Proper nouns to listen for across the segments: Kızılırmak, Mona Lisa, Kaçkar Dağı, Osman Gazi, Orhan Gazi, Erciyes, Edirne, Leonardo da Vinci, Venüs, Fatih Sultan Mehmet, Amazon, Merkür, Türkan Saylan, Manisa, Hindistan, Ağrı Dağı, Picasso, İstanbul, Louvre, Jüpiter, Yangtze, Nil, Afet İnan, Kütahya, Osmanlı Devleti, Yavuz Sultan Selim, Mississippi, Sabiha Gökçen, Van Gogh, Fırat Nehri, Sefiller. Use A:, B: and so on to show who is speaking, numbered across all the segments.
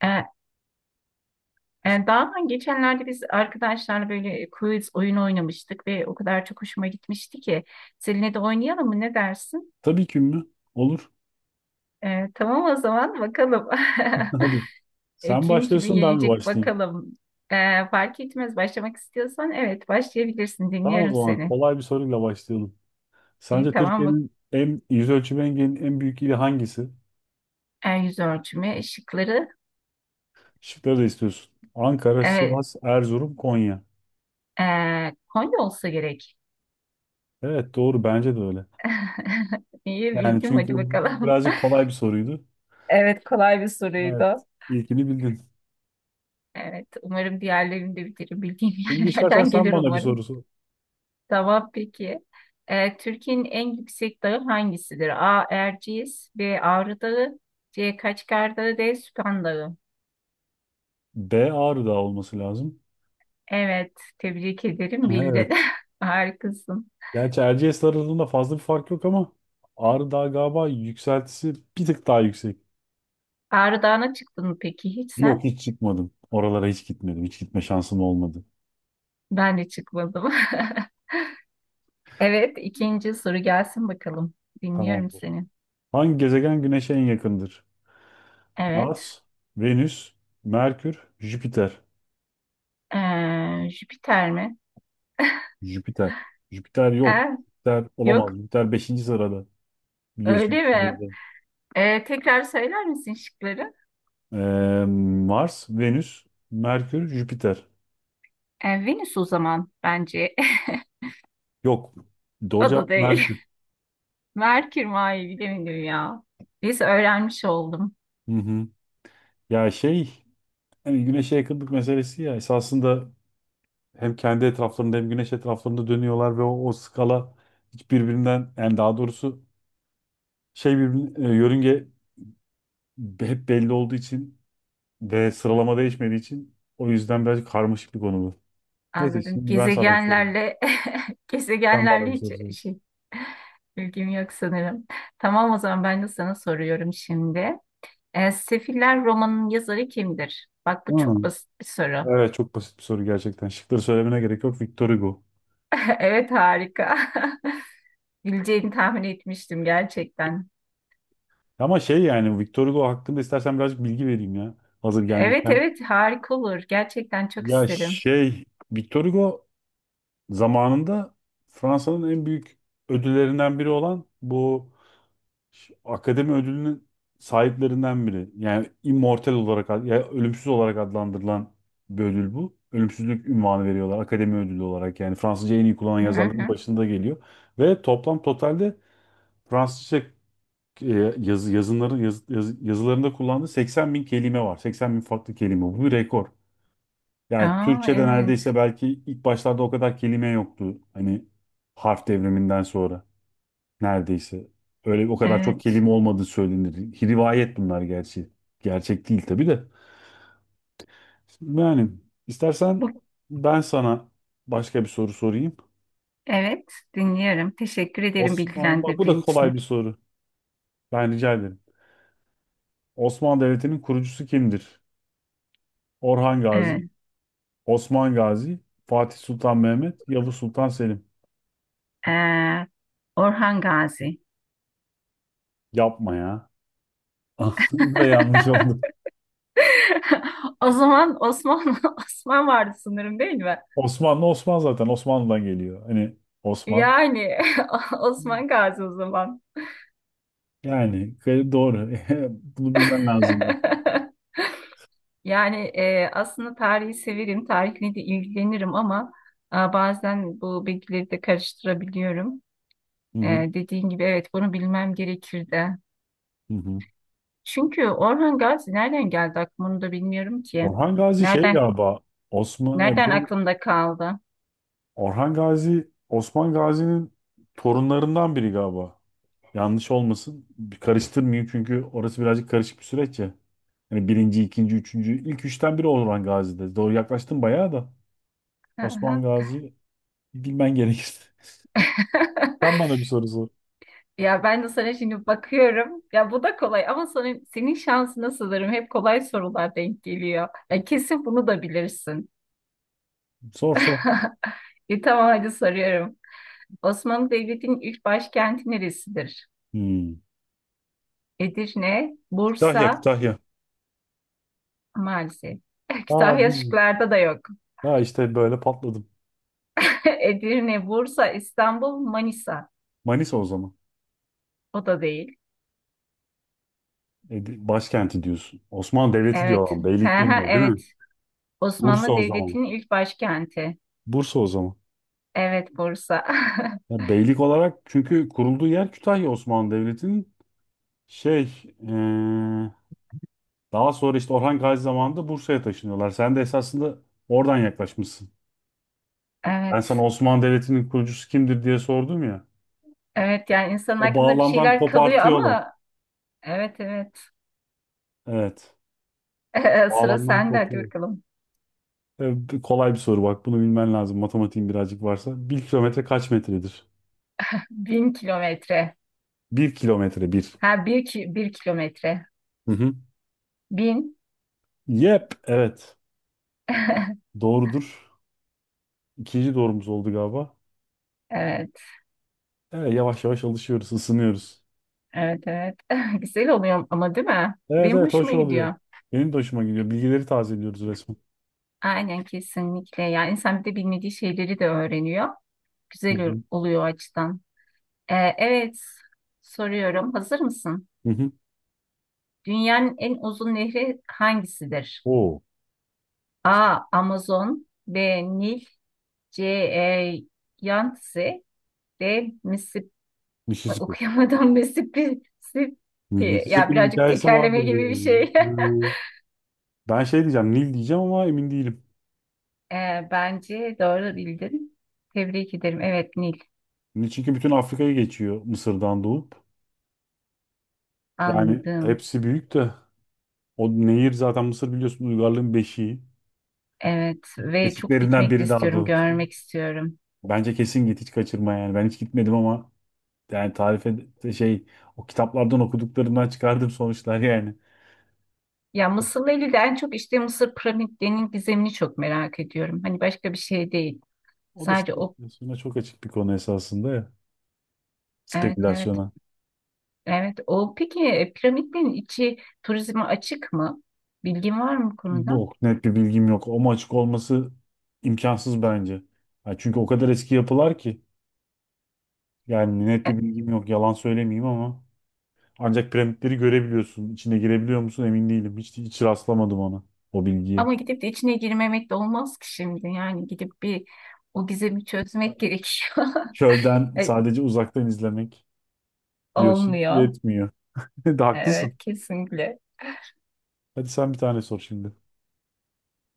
A: E, daha ben geçenlerde biz arkadaşlarla böyle quiz oyunu oynamıştık ve o kadar çok hoşuma gitmişti ki seninle de oynayalım mı ne dersin?
B: Tabii ki mi? Olur.
A: Tamam o zaman bakalım.
B: Hadi. Sen
A: Kim kimi
B: başlıyorsun ben mi
A: yenecek
B: başlayayım?
A: bakalım. Fark etmez başlamak istiyorsan evet başlayabilirsin,
B: Tamam o
A: dinliyorum
B: zaman
A: seni.
B: kolay bir soruyla başlayalım. Sence
A: Tamam bak,
B: Türkiye'nin en yüz ölçümü engelinin en büyük ili hangisi?
A: yüz ölçümü şıkları
B: Şıkları da istiyorsun. Ankara,
A: evet,
B: Sivas, Erzurum, Konya.
A: e, Konya olsa gerek.
B: Evet doğru bence de öyle.
A: İyi
B: Yani
A: bildim
B: çünkü
A: hadi
B: bu
A: bakalım.
B: birazcık kolay bir soruydu.
A: Evet kolay bir
B: Evet
A: soruydu.
B: ilkini bildin.
A: Evet, umarım diğerlerini de bitiririm. Bildiğim
B: Şimdi istersen
A: yerlerden
B: sen
A: gelir
B: bana bir
A: umarım.
B: soru sor.
A: Tamam peki. Türkiye'nin en yüksek dağı hangisidir? A. Erciyes B. Ağrı Dağı C. Kaçkar Dağı D. Süphan Dağı.
B: B Ağrı Dağı olması lazım.
A: Evet, tebrik ederim. Bildin.
B: Evet.
A: Harikasın.
B: Gerçi Erciyes arasında fazla bir fark yok ama Ağrı Dağı galiba yükseltisi bir tık daha yüksek.
A: Ağrı Dağı'na çıktın mı peki hiç
B: Yok
A: sen?
B: hiç çıkmadım. Oralara hiç gitmedim. Hiç gitme şansım olmadı.
A: Ben de çıkmadım. Evet, ikinci soru gelsin bakalım. Dinliyorum
B: Tamamdır.
A: seni.
B: Hangi gezegen Güneş'e en yakındır?
A: Evet.
B: Mars, Venüs, Merkür, Jüpiter.
A: Jüpiter mi?
B: Jüpiter. Jüpiter yok.
A: Ee,
B: Jüpiter olamaz.
A: Yok,
B: Jüpiter beşinci sırada biliyorsun
A: öyle mi?
B: şeyde.
A: Tekrar söyler misin şıkları?
B: Ee, Mars, Venüs, Merkür, Jüpiter.
A: Venüs o zaman bence.
B: Yok. Doğru
A: O da
B: cevap
A: değil.
B: Merkür.
A: Merkür mü? Ay, bilemedim ya. Biz öğrenmiş oldum.
B: Hı hı. Ya şey hani Güneş'e yakınlık meselesi ya esasında hem kendi etraflarında hem güneş etraflarında dönüyorlar ve o skala hiç birbirinden yani daha doğrusu şey birbirine, yörünge hep belli olduğu için ve sıralama değişmediği için o yüzden biraz karmaşık bir konu bu. Neyse
A: Anladım.
B: şimdi ben sana bir soru.
A: Gezegenlerle
B: Sen bana
A: gezegenlerle
B: bir
A: hiç
B: soru sor.
A: şey bilgim yok sanırım. Tamam o zaman ben de sana soruyorum şimdi. Sefiller romanının yazarı kimdir? Bak bu çok
B: Hmm.
A: basit bir soru.
B: Evet çok basit bir soru gerçekten. Şıkları söylemene gerek yok. Victor Hugo.
A: Evet harika. Bileceğini tahmin etmiştim gerçekten.
B: Ama şey yani Victor Hugo hakkında istersen birazcık bilgi vereyim ya. Hazır
A: Evet
B: gelmişken.
A: evet harika olur. Gerçekten çok
B: Ya
A: isterim.
B: şey Victor Hugo zamanında Fransa'nın en büyük ödüllerinden biri olan bu akademi ödülünün sahiplerinden biri. Yani immortal olarak ya ölümsüz olarak adlandırılan bir ödül bu. Ölümsüzlük ünvanı veriyorlar akademi ödülü olarak. Yani Fransızca en iyi kullanan
A: Hı
B: yazarların
A: hı.
B: başında geliyor. Ve toplam totalde Fransızca yazılarında kullandığı 80 bin kelime var. 80 bin farklı kelime. Bu bir rekor. Yani
A: Aa,
B: Türkçe'de neredeyse
A: evet,
B: belki ilk başlarda o kadar kelime yoktu. Hani harf devriminden sonra neredeyse. Öyle o kadar çok
A: evet.
B: kelime olmadığı söylenir. Rivayet bunlar gerçi. Gerçek değil tabii de. Yani istersen
A: Bu,
B: ben sana başka bir soru sorayım.
A: evet, dinliyorum. Teşekkür ederim
B: Osmanlı, bak bu da
A: bilgilendirdiğin için.
B: kolay bir soru. Ben rica ederim. Osmanlı Devleti'nin kurucusu kimdir? Orhan
A: Evet.
B: Gazi, Osman Gazi, Fatih Sultan Mehmet, Yavuz Sultan Selim.
A: Ee, Orhan Gazi.
B: Yapma ya. Bu da yanlış oldu.
A: O zaman Osman Osman vardı sanırım değil mi?
B: Osmanlı Osman zaten Osmanlı'dan geliyor. Hani Osman.
A: Yani Osman Gazi o zaman.
B: Yani gayet doğru. Bunu bilmen lazımdı.
A: Yani, aslında tarihi severim, tarihle de ilgilenirim ama bazen bu bilgileri de karıştırabiliyorum.
B: Hı
A: E,
B: hı,
A: Dediğin gibi evet, bunu bilmem gerekirdi.
B: hı hı.
A: Çünkü Orhan Gazi nereden geldi aklıma onu da bilmiyorum ki.
B: Orhan Gazi şey
A: Nereden
B: galiba Osman
A: nereden
B: bu
A: aklımda kaldı?
B: Orhan Gazi Osman Gazi'nin torunlarından biri galiba. Yanlış olmasın. Bir karıştırmayayım çünkü orası birazcık karışık bir süreç ya. Hani birinci, ikinci, üçüncü, ilk üçten biri Orhan Gazi'de. Doğru yaklaştın bayağı da. Osman
A: Aha.
B: Gazi bilmen gerekir. Sen bana bir soru sor.
A: Ya ben de sana şimdi bakıyorum. Ya bu da kolay ama senin şansına sanırım hep kolay sorular denk geliyor. Ya kesin bunu da bilirsin.
B: Sor sor.
A: Tamam hadi soruyorum. Osmanlı Devleti'nin ilk başkenti neresidir?
B: Hmm.
A: Edirne,
B: Kütahya,
A: Bursa,
B: Kütahya.
A: maalesef.
B: Aa
A: Kütahya
B: değil.
A: şıklarda da yok.
B: Ha işte böyle patladım.
A: Edirne, Bursa, İstanbul, Manisa.
B: Manisa o zaman.
A: O da değil.
B: Başkenti diyorsun. Osmanlı Devleti diyor
A: Evet.
B: adam.
A: Hı
B: Beylik
A: hı,
B: demiyor değil mi?
A: evet.
B: Bursa
A: Osmanlı
B: o zaman.
A: Devleti'nin ilk başkenti.
B: Bursa o zaman.
A: Evet, Bursa.
B: Ya beylik olarak çünkü kurulduğu yer Kütahya Osmanlı Devleti'nin şey e, daha sonra işte Orhan Gazi zamanında Bursa'ya taşınıyorlar. Sen de esasında oradan yaklaşmışsın. Ben
A: Evet.
B: sana Osmanlı Devleti'nin kurucusu kimdir diye sordum ya.
A: Evet yani insanın
B: O
A: aklında bir
B: bağlamdan
A: şeyler kalıyor
B: kopartıyorlar.
A: ama evet evet.
B: Evet.
A: Sıra
B: Bağlamdan
A: sende hadi
B: kopuyor.
A: bakalım.
B: Kolay bir soru bak. Bunu bilmen lazım. Matematiğin birazcık varsa. Bir kilometre kaç metredir?
A: 1000 kilometre.
B: Bir kilometre bir.
A: Ha bir, 1 kilometre.
B: Hı hı.
A: 1000.
B: Yep. Evet. Doğrudur. İkinci doğrumuz oldu galiba.
A: Evet.
B: Evet, yavaş yavaş alışıyoruz, ısınıyoruz.
A: Evet evet. Güzel oluyor ama değil mi?
B: Evet
A: Benim
B: evet
A: hoşuma
B: hoş oluyor.
A: gidiyor.
B: Benim de hoşuma gidiyor. Bilgileri tazeliyoruz resmen.
A: Aynen kesinlikle. Yani insan bir de bilmediği şeyleri de öğreniyor.
B: Hı
A: Güzel
B: hı.
A: oluyor o açıdan. Evet soruyorum. Hazır mısın?
B: Hı hı.
A: Dünyanın en uzun nehri hangisidir?
B: Oo.
A: A. Amazon B. Nil C. Yangtze D. Mississippi.
B: Mississippi.
A: Okuyamadım Mississippi.
B: Hı hı.
A: Mississippi. Ya
B: Mississippi'nin
A: birazcık
B: hikayesi
A: tekerleme
B: vardır
A: gibi bir
B: biraz.
A: şey.
B: Hı. Ben şey diyeceğim, Nil diyeceğim ama emin değilim.
A: Bence doğru bildin. Tebrik ederim. Evet Nil,
B: Çünkü bütün Afrika'yı geçiyor Mısır'dan doğup. Yani
A: anladım.
B: hepsi büyük de. O nehir zaten Mısır biliyorsun uygarlığın beşiği.
A: Evet ve çok
B: Beşiklerinden
A: gitmek de
B: biri daha
A: istiyorum,
B: doğrusu.
A: görmek istiyorum.
B: Bence kesin git hiç kaçırma yani. Ben hiç gitmedim ama yani tarife şey o kitaplardan okuduklarımdan çıkardığım sonuçlar yani.
A: Ya Mısır'la ilgili de en çok işte Mısır piramitlerinin gizemini çok merak ediyorum. Hani başka bir şey değil.
B: O da
A: Sadece o,
B: spekülasyona çok açık bir konu esasında ya.
A: evet evet.
B: Spekülasyona.
A: Evet, o peki, piramitlerin içi turizme açık mı? Bilgin var mı bu
B: Bu
A: konuda?
B: net bir bilgim yok. Ama açık olması imkansız bence. Ya çünkü o kadar eski yapılar ki. Yani net
A: E,
B: bir bilgim yok. Yalan söylemeyeyim ama. Ancak piramitleri görebiliyorsun. İçine girebiliyor musun emin değilim. Hiç rastlamadım ona o bilgiye.
A: Ama gidip de içine girmemek de olmaz ki şimdi. Yani gidip bir o gizemi çözmek gerekiyor.
B: Çölden
A: E,
B: sadece uzaktan izlemek diyorsun
A: Olmuyor.
B: yetmiyor. De haklısın.
A: Evet, kesinlikle.
B: Hadi sen bir tane sor şimdi.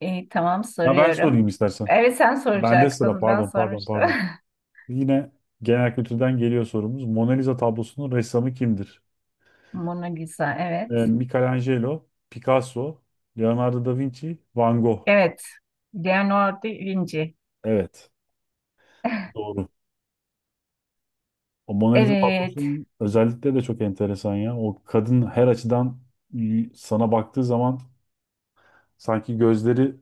A: İyi, tamam
B: Ya ben sorayım
A: soruyorum.
B: istersen.
A: Evet sen
B: Bende sıra
A: soracaktın, ben
B: pardon pardon
A: sormuştum.
B: pardon. Yine genel kültürden geliyor sorumuz. Mona Lisa tablosunun ressamı kimdir?
A: Mona Lisa, evet.
B: Michelangelo, Picasso, Leonardo da Vinci, Van Gogh.
A: Evet, Leonardo da Vinci.
B: Evet. Doğru. O Mona Lisa
A: Evet,
B: tablosunun özellikle de çok enteresan ya. O kadın her açıdan sana baktığı zaman sanki gözleri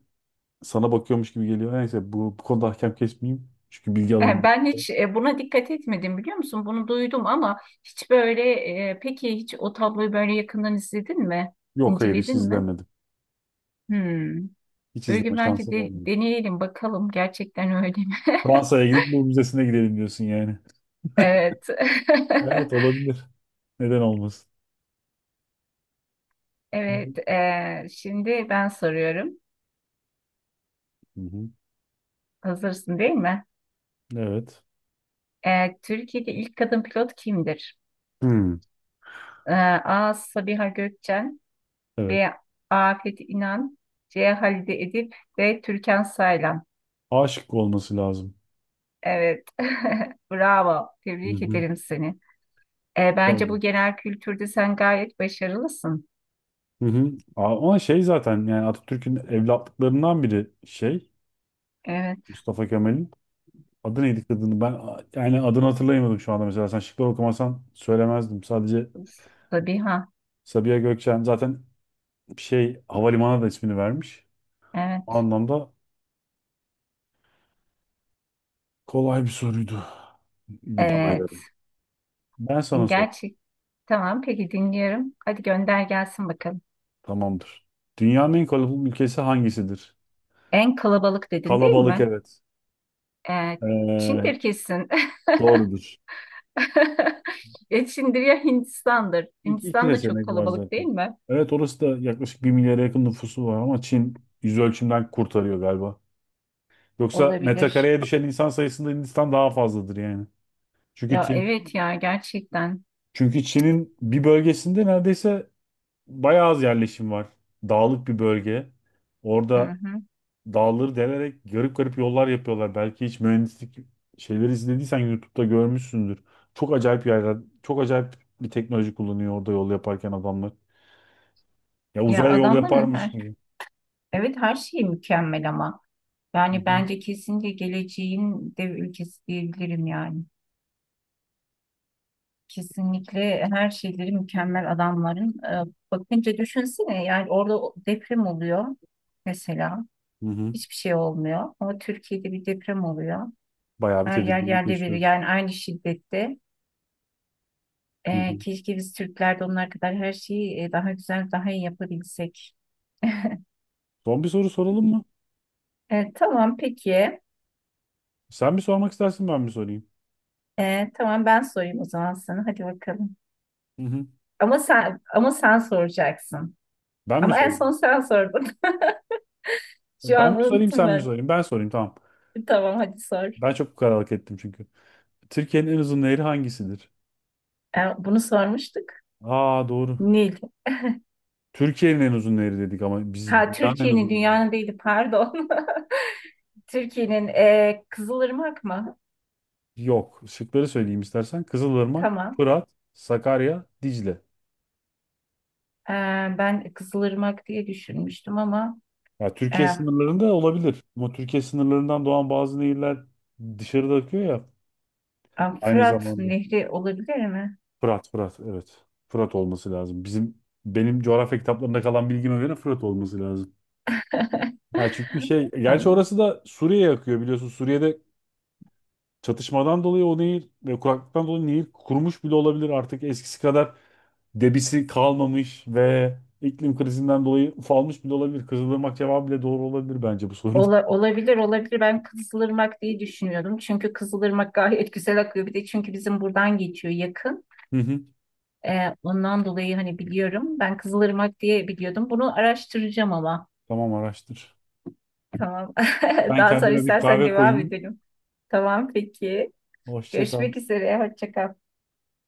B: sana bakıyormuş gibi geliyor. Neyse bu konuda hakem kesmeyeyim. Çünkü bilgi
A: yani
B: alındı.
A: ben hiç, buna dikkat etmedim biliyor musun? Bunu duydum ama hiç böyle, peki hiç o tabloyu böyle yakından izledin mi?
B: Yok hayır hiç
A: İnceledin mi?
B: izlemedim.
A: Hmm.
B: Hiç
A: Bir
B: izleme
A: gün bence
B: şansım
A: de,
B: olmadı.
A: deneyelim bakalım gerçekten öyle mi?
B: Fransa'ya gidip Louvre Müzesi'ne gidelim diyorsun yani.
A: Evet.
B: Evet olabilir. Neden olmasın? Hı
A: Evet, şimdi ben soruyorum.
B: hı.
A: Hazırsın değil mi?
B: Evet.
A: Türkiye'de ilk kadın pilot kimdir?
B: Hmm.
A: Ee, A. Sabiha Gökçen
B: Evet.
A: B. Afet İnan C. Halide Edip D. Türkan Saylan
B: Aşık olması lazım.
A: Evet. Bravo.
B: Hı
A: Tebrik
B: hı.
A: ederim seni. Bence bu
B: Tabii.
A: genel kültürde sen gayet başarılısın.
B: Hı hı. Ama şey zaten yani Atatürk'ün evlatlıklarından biri şey
A: Evet.
B: Mustafa Kemal'in. Adı neydi kadını? Ben yani adını hatırlayamadım şu anda mesela. Sen şıklar okumasan söylemezdim. Sadece
A: Sabiha.
B: Sabiha Gökçen zaten şey havalimanına da ismini vermiş. O
A: Evet.
B: anlamda kolay bir soruydu bana
A: Evet.
B: göre. Ben sana sorayım.
A: Gerçek. Tamam. Peki dinliyorum. Hadi gönder gelsin bakalım.
B: Tamamdır. Dünyanın en kalabalık ülkesi hangisidir?
A: En kalabalık dedin değil
B: Kalabalık
A: mi?
B: evet.
A: Ee,
B: Ee,
A: Çin'dir kesin.
B: doğrudur.
A: Geçindir ya Hindistan'dır.
B: İki
A: Hindistan da çok
B: seçenek var
A: kalabalık değil
B: zaten.
A: mi?
B: Evet orası da yaklaşık bir milyara yakın nüfusu var ama Çin yüz ölçümden kurtarıyor galiba. Yoksa
A: Olabilir.
B: metrekareye düşen insan sayısında Hindistan daha fazladır yani. Çünkü
A: Ya
B: Çin,
A: evet ya gerçekten.
B: çünkü Çin'in bir bölgesinde neredeyse bayağı az yerleşim var. Dağlık bir bölge.
A: Hı
B: Orada
A: hı.
B: dağları delerek garip garip yollar yapıyorlar. Belki hiç mühendislik şeyleri izlediysen YouTube'da görmüşsündür. Çok acayip yerler, çok acayip bir teknoloji kullanıyor orada yol yaparken adamlar. Ya
A: Ya
B: uzaya yol
A: adamların
B: yaparmış
A: her,
B: gibi.
A: evet her şeyi mükemmel ama.
B: Hı
A: Yani
B: hı.
A: bence kesinlikle geleceğin dev ülkesi diyebilirim yani. Kesinlikle her şeyleri mükemmel adamların. Bakınca düşünsene yani orada deprem oluyor mesela.
B: Hı hı.
A: Hiçbir şey olmuyor. Ama Türkiye'de bir deprem oluyor.
B: Bayağı bir
A: Her yer
B: tedirginlik
A: yerde bir
B: yaşıyoruz.
A: yani aynı şiddette.
B: Hı hı.
A: Keşke biz Türkler de onlar kadar her şeyi, daha güzel, daha iyi yapabilsek.
B: Son bir soru soralım mı?
A: Tamam peki.
B: Sen bir sormak istersin ben mi sorayım?
A: Tamam ben sorayım o zaman sana. Hadi bakalım.
B: Hı hı.
A: Ama sen soracaksın.
B: Ben mi
A: Ama en son
B: sorayım?
A: sen sordun. Şu
B: Ben
A: an
B: mi sorayım,
A: unuttum
B: sen mi
A: ben.
B: sorayım? Ben sorayım, tamam.
A: Tamam hadi sor.
B: Ben çok kararlılık ettim çünkü. Türkiye'nin en uzun nehri hangisidir?
A: Bunu sormuştuk.
B: Aa doğru.
A: Nil.
B: Türkiye'nin en uzun nehri dedik ama biz
A: Ha
B: dünyanın en
A: Türkiye'nin
B: uzun nehri.
A: dünyanın değildi pardon. Türkiye'nin, Kızılırmak mı?
B: Yok. Şıkları söyleyeyim istersen. Kızılırmak,
A: Tamam.
B: Fırat, Sakarya, Dicle.
A: E, Ben Kızılırmak diye düşünmüştüm ama
B: Ya
A: e,
B: Türkiye sınırlarında olabilir. Ama Türkiye sınırlarından doğan bazı nehirler dışarıda akıyor ya aynı
A: Fırat
B: zamanda.
A: Nehri olabilir mi?
B: Fırat, Fırat, evet. Fırat olması lazım. Benim coğrafya kitaplarında kalan bilgime göre Fırat olması lazım. Ya çünkü şey, gerçi
A: Anladım.
B: orası da Suriye'ye akıyor biliyorsun. Suriye'de çatışmadan dolayı o nehir ve kuraklıktan dolayı nehir kurumuş bile olabilir. Artık eskisi kadar debisi kalmamış ve iklim krizinden dolayı ufalmış bile olabilir. Kızılırmak cevabı bile doğru olabilir bence bu soruda.
A: Olabilir olabilir, ben Kızılırmak diye düşünüyordum. Çünkü Kızılırmak gayet güzel akıyor. Bir de çünkü bizim buradan geçiyor yakın.
B: Hı hı.
A: Ondan dolayı hani biliyorum. Ben Kızılırmak diye biliyordum. Bunu araştıracağım ama.
B: Tamam araştır.
A: Tamam.
B: Ben
A: Daha sonra
B: kendime bir
A: istersen
B: kahve
A: devam
B: koyayım.
A: edelim. Tamam peki.
B: Hoşça kal.
A: Görüşmek üzere. Hoşça kal.